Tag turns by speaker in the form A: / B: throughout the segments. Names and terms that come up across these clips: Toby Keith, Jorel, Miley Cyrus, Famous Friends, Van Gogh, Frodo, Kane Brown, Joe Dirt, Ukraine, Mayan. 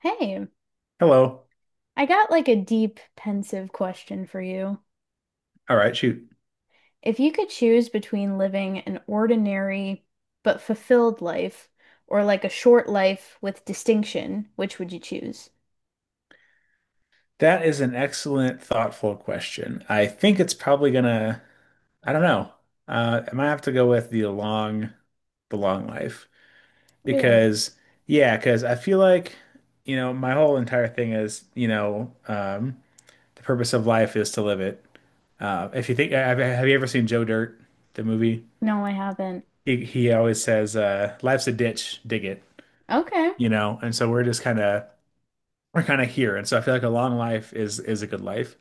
A: Hey,
B: Hello.
A: I got like a deep, pensive question for you.
B: All right, shoot.
A: If you could choose between living an ordinary but fulfilled life or like a short life with distinction, which would you choose?
B: That is an excellent, thoughtful question. I think it's probably gonna, I don't know. I might have to go with the long life
A: Really?
B: because, yeah, because I feel like, my whole entire thing is, the purpose of life is to live it. If you think, Have you ever seen Joe Dirt, the movie?
A: No, I haven't.
B: He always says, "Life's a ditch, dig it,"
A: Okay.
B: you know. And so we're kind of here. And so I feel like a long life is a good life.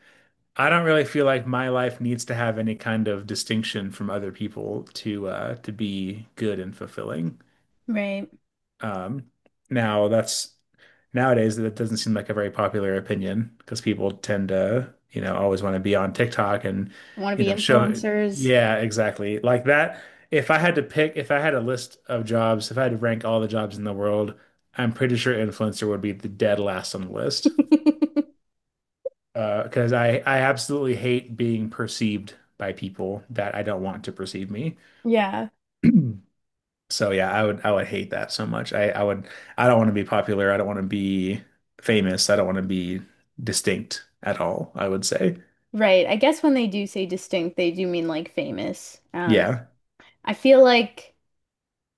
B: I don't really feel like my life needs to have any kind of distinction from other people to be good and fulfilling.
A: Right.
B: Um now that's Nowadays that doesn't seem like a very popular opinion because people tend to, always want to be on TikTok and,
A: Want to
B: you
A: be
B: know, show
A: influencers?
B: yeah, exactly. Like that. If I had to pick, If I had a list of jobs, if I had to rank all the jobs in the world, I'm pretty sure influencer would be the dead last on the list. Because I absolutely hate being perceived by people that I don't want to perceive me.
A: Yeah.
B: So yeah, I would hate that so much. I don't want to be popular. I don't want to be famous. I don't want to be distinct at all, I would say.
A: Right. I guess when they do say distinct, they do mean like famous.
B: Yeah.
A: I feel like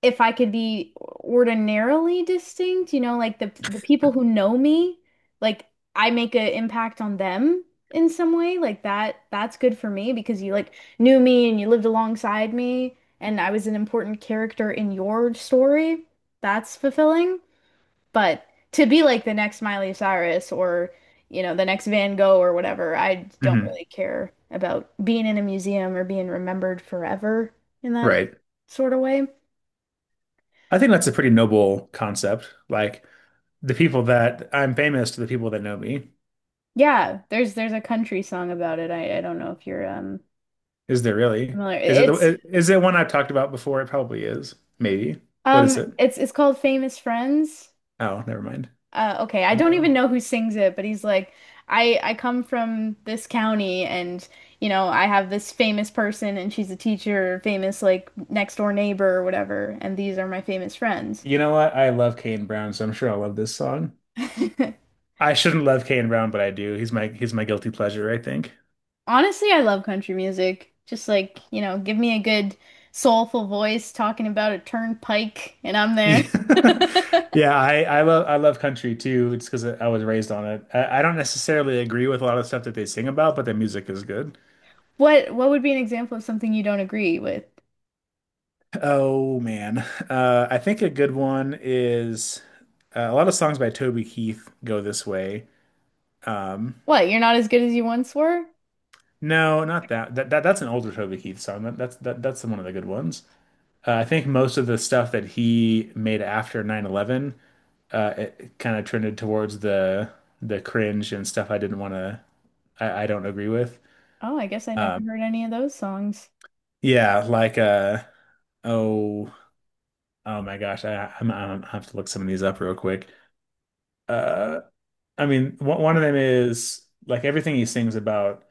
A: if I could be ordinarily distinct, like the people who know me, like I make an impact on them in some way, like that's good for me because you like knew me and you lived alongside me and I was an important character in your story. That's fulfilling. But to be like the next Miley Cyrus or, you know, the next Van Gogh or whatever, I don't
B: Hmm.
A: really care about being in a museum or being remembered forever in that
B: Right.
A: sort of way.
B: I think that's a pretty noble concept. Like the people that I'm famous to, the people that know me.
A: Yeah, there's a country song about it. I don't know if you're
B: Is there really?
A: familiar. It's
B: Is it one I've talked about before? It probably is. Maybe. What is it?
A: it's called Famous Friends.
B: Oh, never mind.
A: Okay, I don't even
B: Um,
A: know who sings it, but he's like, I come from this county and you know, I have this famous person and she's a teacher, famous like next door neighbor or whatever, and these are my famous friends.
B: You know what? I love Kane Brown, so I'm sure I'll love this song. I shouldn't love Kane Brown, but I do. He's my guilty pleasure, I think.
A: Honestly, I love country music. Just like, you know, give me a good soulful voice talking about a turnpike and I'm there.
B: Yeah, yeah. I love country too. It's because I was raised on it. I don't necessarily agree with a lot of stuff that they sing about, but the music is good.
A: What would be an example of something you don't agree with?
B: Oh man, I think a good one is a lot of songs by Toby Keith go this way. Um,
A: What, you're not as good as you once were?
B: no, not that. That's an older Toby Keith song. That's one of the good ones. I think most of the stuff that he made after 9/11 it kind of trended towards the cringe and stuff I didn't want to I don't agree with.
A: Oh, I guess I never
B: Um,
A: heard any of those songs.
B: yeah, like uh oh oh my gosh, I'm, I have to look some of these up real quick. Uh, I mean, one of them is like everything he sings about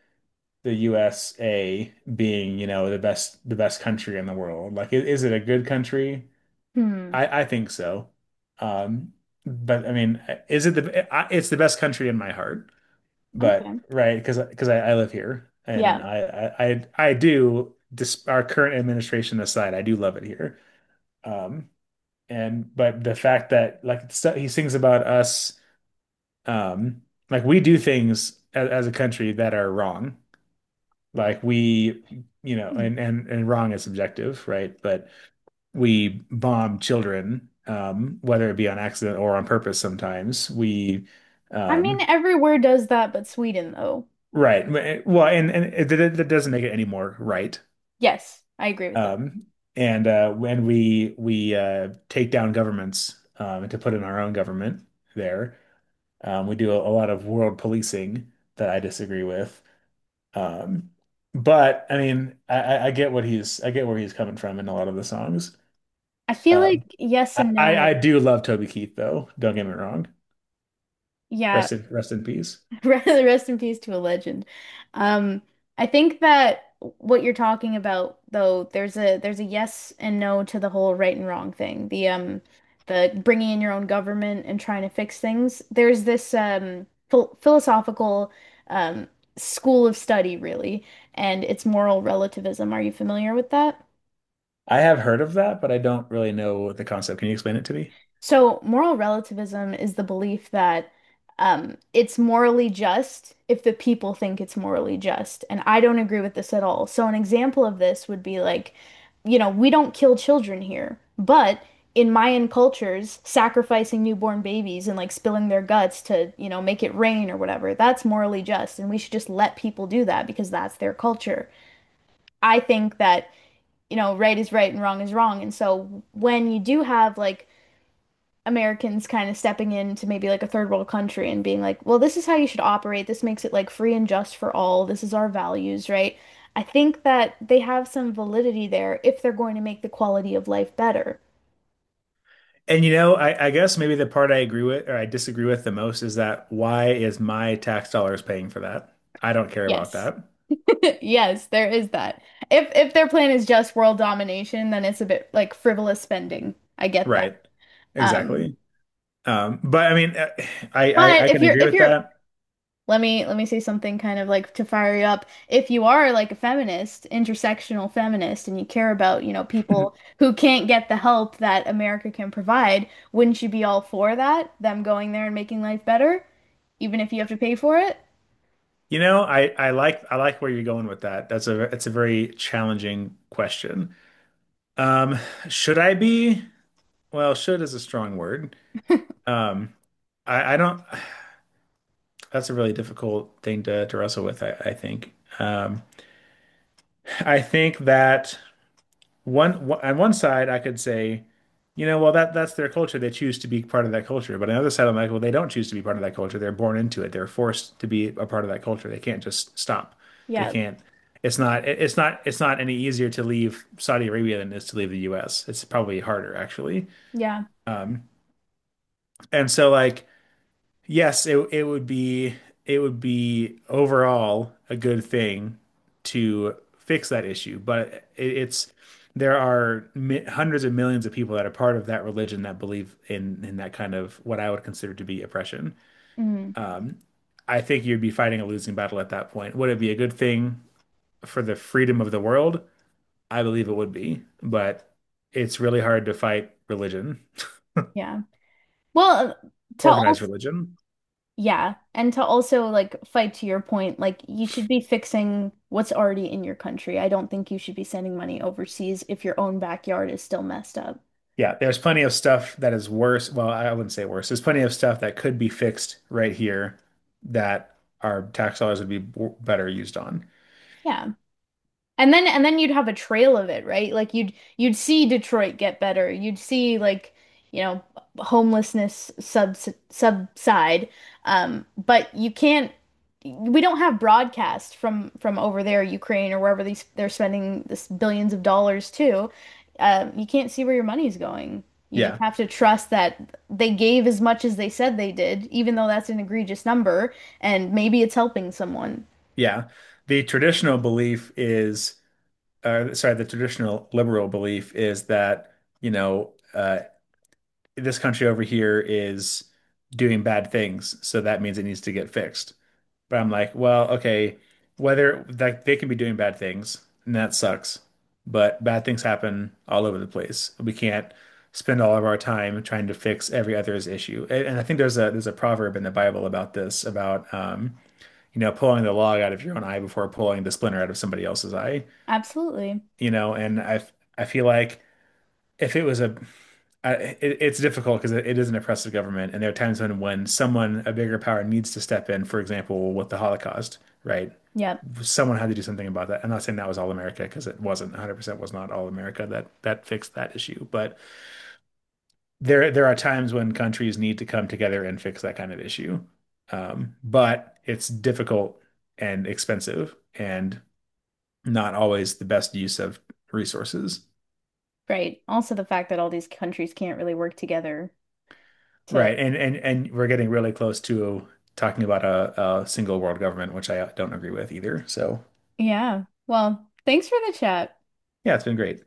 B: the USA being, you know, the best country in the world. Like, is it a good country?
A: Hmm.
B: I think so. Um, but I mean, is it the I- It's the best country in my heart, but
A: Okay.
B: right because I live here and
A: Yeah.
B: I I do— dis our current administration aside, I do love it here. Um, and But the fact that like he sings about us, um, like we do things as a country that are wrong, like we you know,
A: Hmm.
B: and wrong is subjective, right? But we bomb children, whether it be on accident or on purpose sometimes.
A: I mean,
B: Um,
A: everywhere does that, but Sweden though.
B: right. And it, that that doesn't make it any more right.
A: Yes, I agree with that.
B: Um, and When we take down governments, to put in our own government there, we do a lot of world policing that I disagree with. Um, but I mean, I get what he's I get where he's coming from in a lot of the songs.
A: I feel
B: Uh,
A: like yes and
B: I
A: no.
B: do love Toby Keith though, don't get me wrong.
A: Yeah.
B: Rest in peace.
A: Rest in peace to a legend. Um, I think that what you're talking about, though, there's a yes and no to the whole right and wrong thing. The bringing in your own government and trying to fix things. There's this philosophical um school of study, really, and it's moral relativism. Are you familiar with that?
B: I have heard of that, but I don't really know the concept. Can you explain it to me?
A: So, moral relativism is the belief that it's morally just if the people think it's morally just. And I don't agree with this at all. So, an example of this would be like, you know, we don't kill children here, but in Mayan cultures, sacrificing newborn babies and like spilling their guts to, you know, make it rain or whatever, that's morally just. And we should just let people do that because that's their culture. I think that, you know, right is right and wrong is wrong. And so, when you do have like, Americans kind of stepping into maybe like a third world country and being like, well, this is how you should operate. This makes it like free and just for all. This is our values, right? I think that they have some validity there if they're going to make the quality of life better.
B: And you know, I guess maybe the part I agree with or I disagree with the most is that why is my tax dollars paying for that? I don't care about
A: Yes.
B: that.
A: Yes, there is that. If their plan is just world domination, then it's a bit like frivolous spending. I get that.
B: Right.
A: Um,
B: Exactly. But I mean, I, I
A: but if
B: can
A: you're
B: agree
A: if
B: with
A: you're
B: that.
A: let me say something kind of like to fire you up. If you are like a feminist, intersectional feminist, and you care about, you know, people who can't get the help that America can provide, wouldn't you be all for that? Them going there and making life better, even if you have to pay for it?
B: You know, I like where you're going with that. That's— a it's a very challenging question. Um, should I be? Well, should is a strong word. Um, I don't. That's a really difficult thing to wrestle with, I think. Um, I think that on one side, I could say, you know, well that that's their culture. They choose to be part of that culture. But on the other side, I'm like, well, they don't choose to be part of that culture. They're born into it. They're forced to be a part of that culture. They can't just stop. They
A: Yeah,
B: can't. It's not. It's not any easier to leave Saudi Arabia than it is to leave the U.S. It's probably harder, actually.
A: yeah.
B: And so, like, yes, it would be— it would be overall a good thing to fix that issue, but it's— there are mi hundreds of millions of people that are part of that religion that believe in that kind of what I would consider to be oppression.
A: Mm,
B: Um, I think you'd be fighting a losing battle at that point. Would it be a good thing for the freedom of the world? I believe it would be, but it's really hard to fight religion,
A: yeah. Well, to
B: organized
A: also,
B: religion.
A: yeah, and to also like fight to your point, like you should be fixing what's already in your country. I don't think you should be sending money overseas if your own backyard is still messed up.
B: Yeah, there's plenty of stuff that is worse. Well, I wouldn't say worse. There's plenty of stuff that could be fixed right here that our tax dollars would be better used on.
A: Yeah. And then you'd have a trail of it, right? Like you'd see Detroit get better. You'd see like, you know, homelessness subside. But you can't We don't have broadcast from over there, Ukraine or wherever these they're spending this billions of dollars to. You can't see where your money's going. You just
B: Yeah,
A: have to trust that they gave as much as they said they did, even though that's an egregious number, and maybe it's helping someone.
B: yeah. The traditional belief is, sorry, the traditional liberal belief is that, you know, this country over here is doing bad things, so that means it needs to get fixed. But I'm like, well, okay, whether like they can be doing bad things, and that sucks. But bad things happen all over the place. We can't spend all of our time trying to fix every other's issue. And I think there's a proverb in the Bible about this, about you know, pulling the log out of your own eye before pulling the splinter out of somebody else's eye.
A: Absolutely.
B: You know, and I feel like if it was a I, it, it's difficult because it is an oppressive government, and there are times when someone— a bigger power needs to step in, for example, with the Holocaust, right?
A: Yep.
B: Someone had to do something about that. I'm not saying that was all America because it wasn't 100% was not all America that that fixed that issue, but there are times when countries need to come together and fix that kind of issue. But it's difficult and expensive and not always the best use of resources.
A: Right. Also, the fact that all these countries can't really work together to,
B: Right. And we're getting really close to talking about a single world government, which I don't agree with either. So,
A: yeah. Well, thanks for the chat.
B: yeah, it's been great.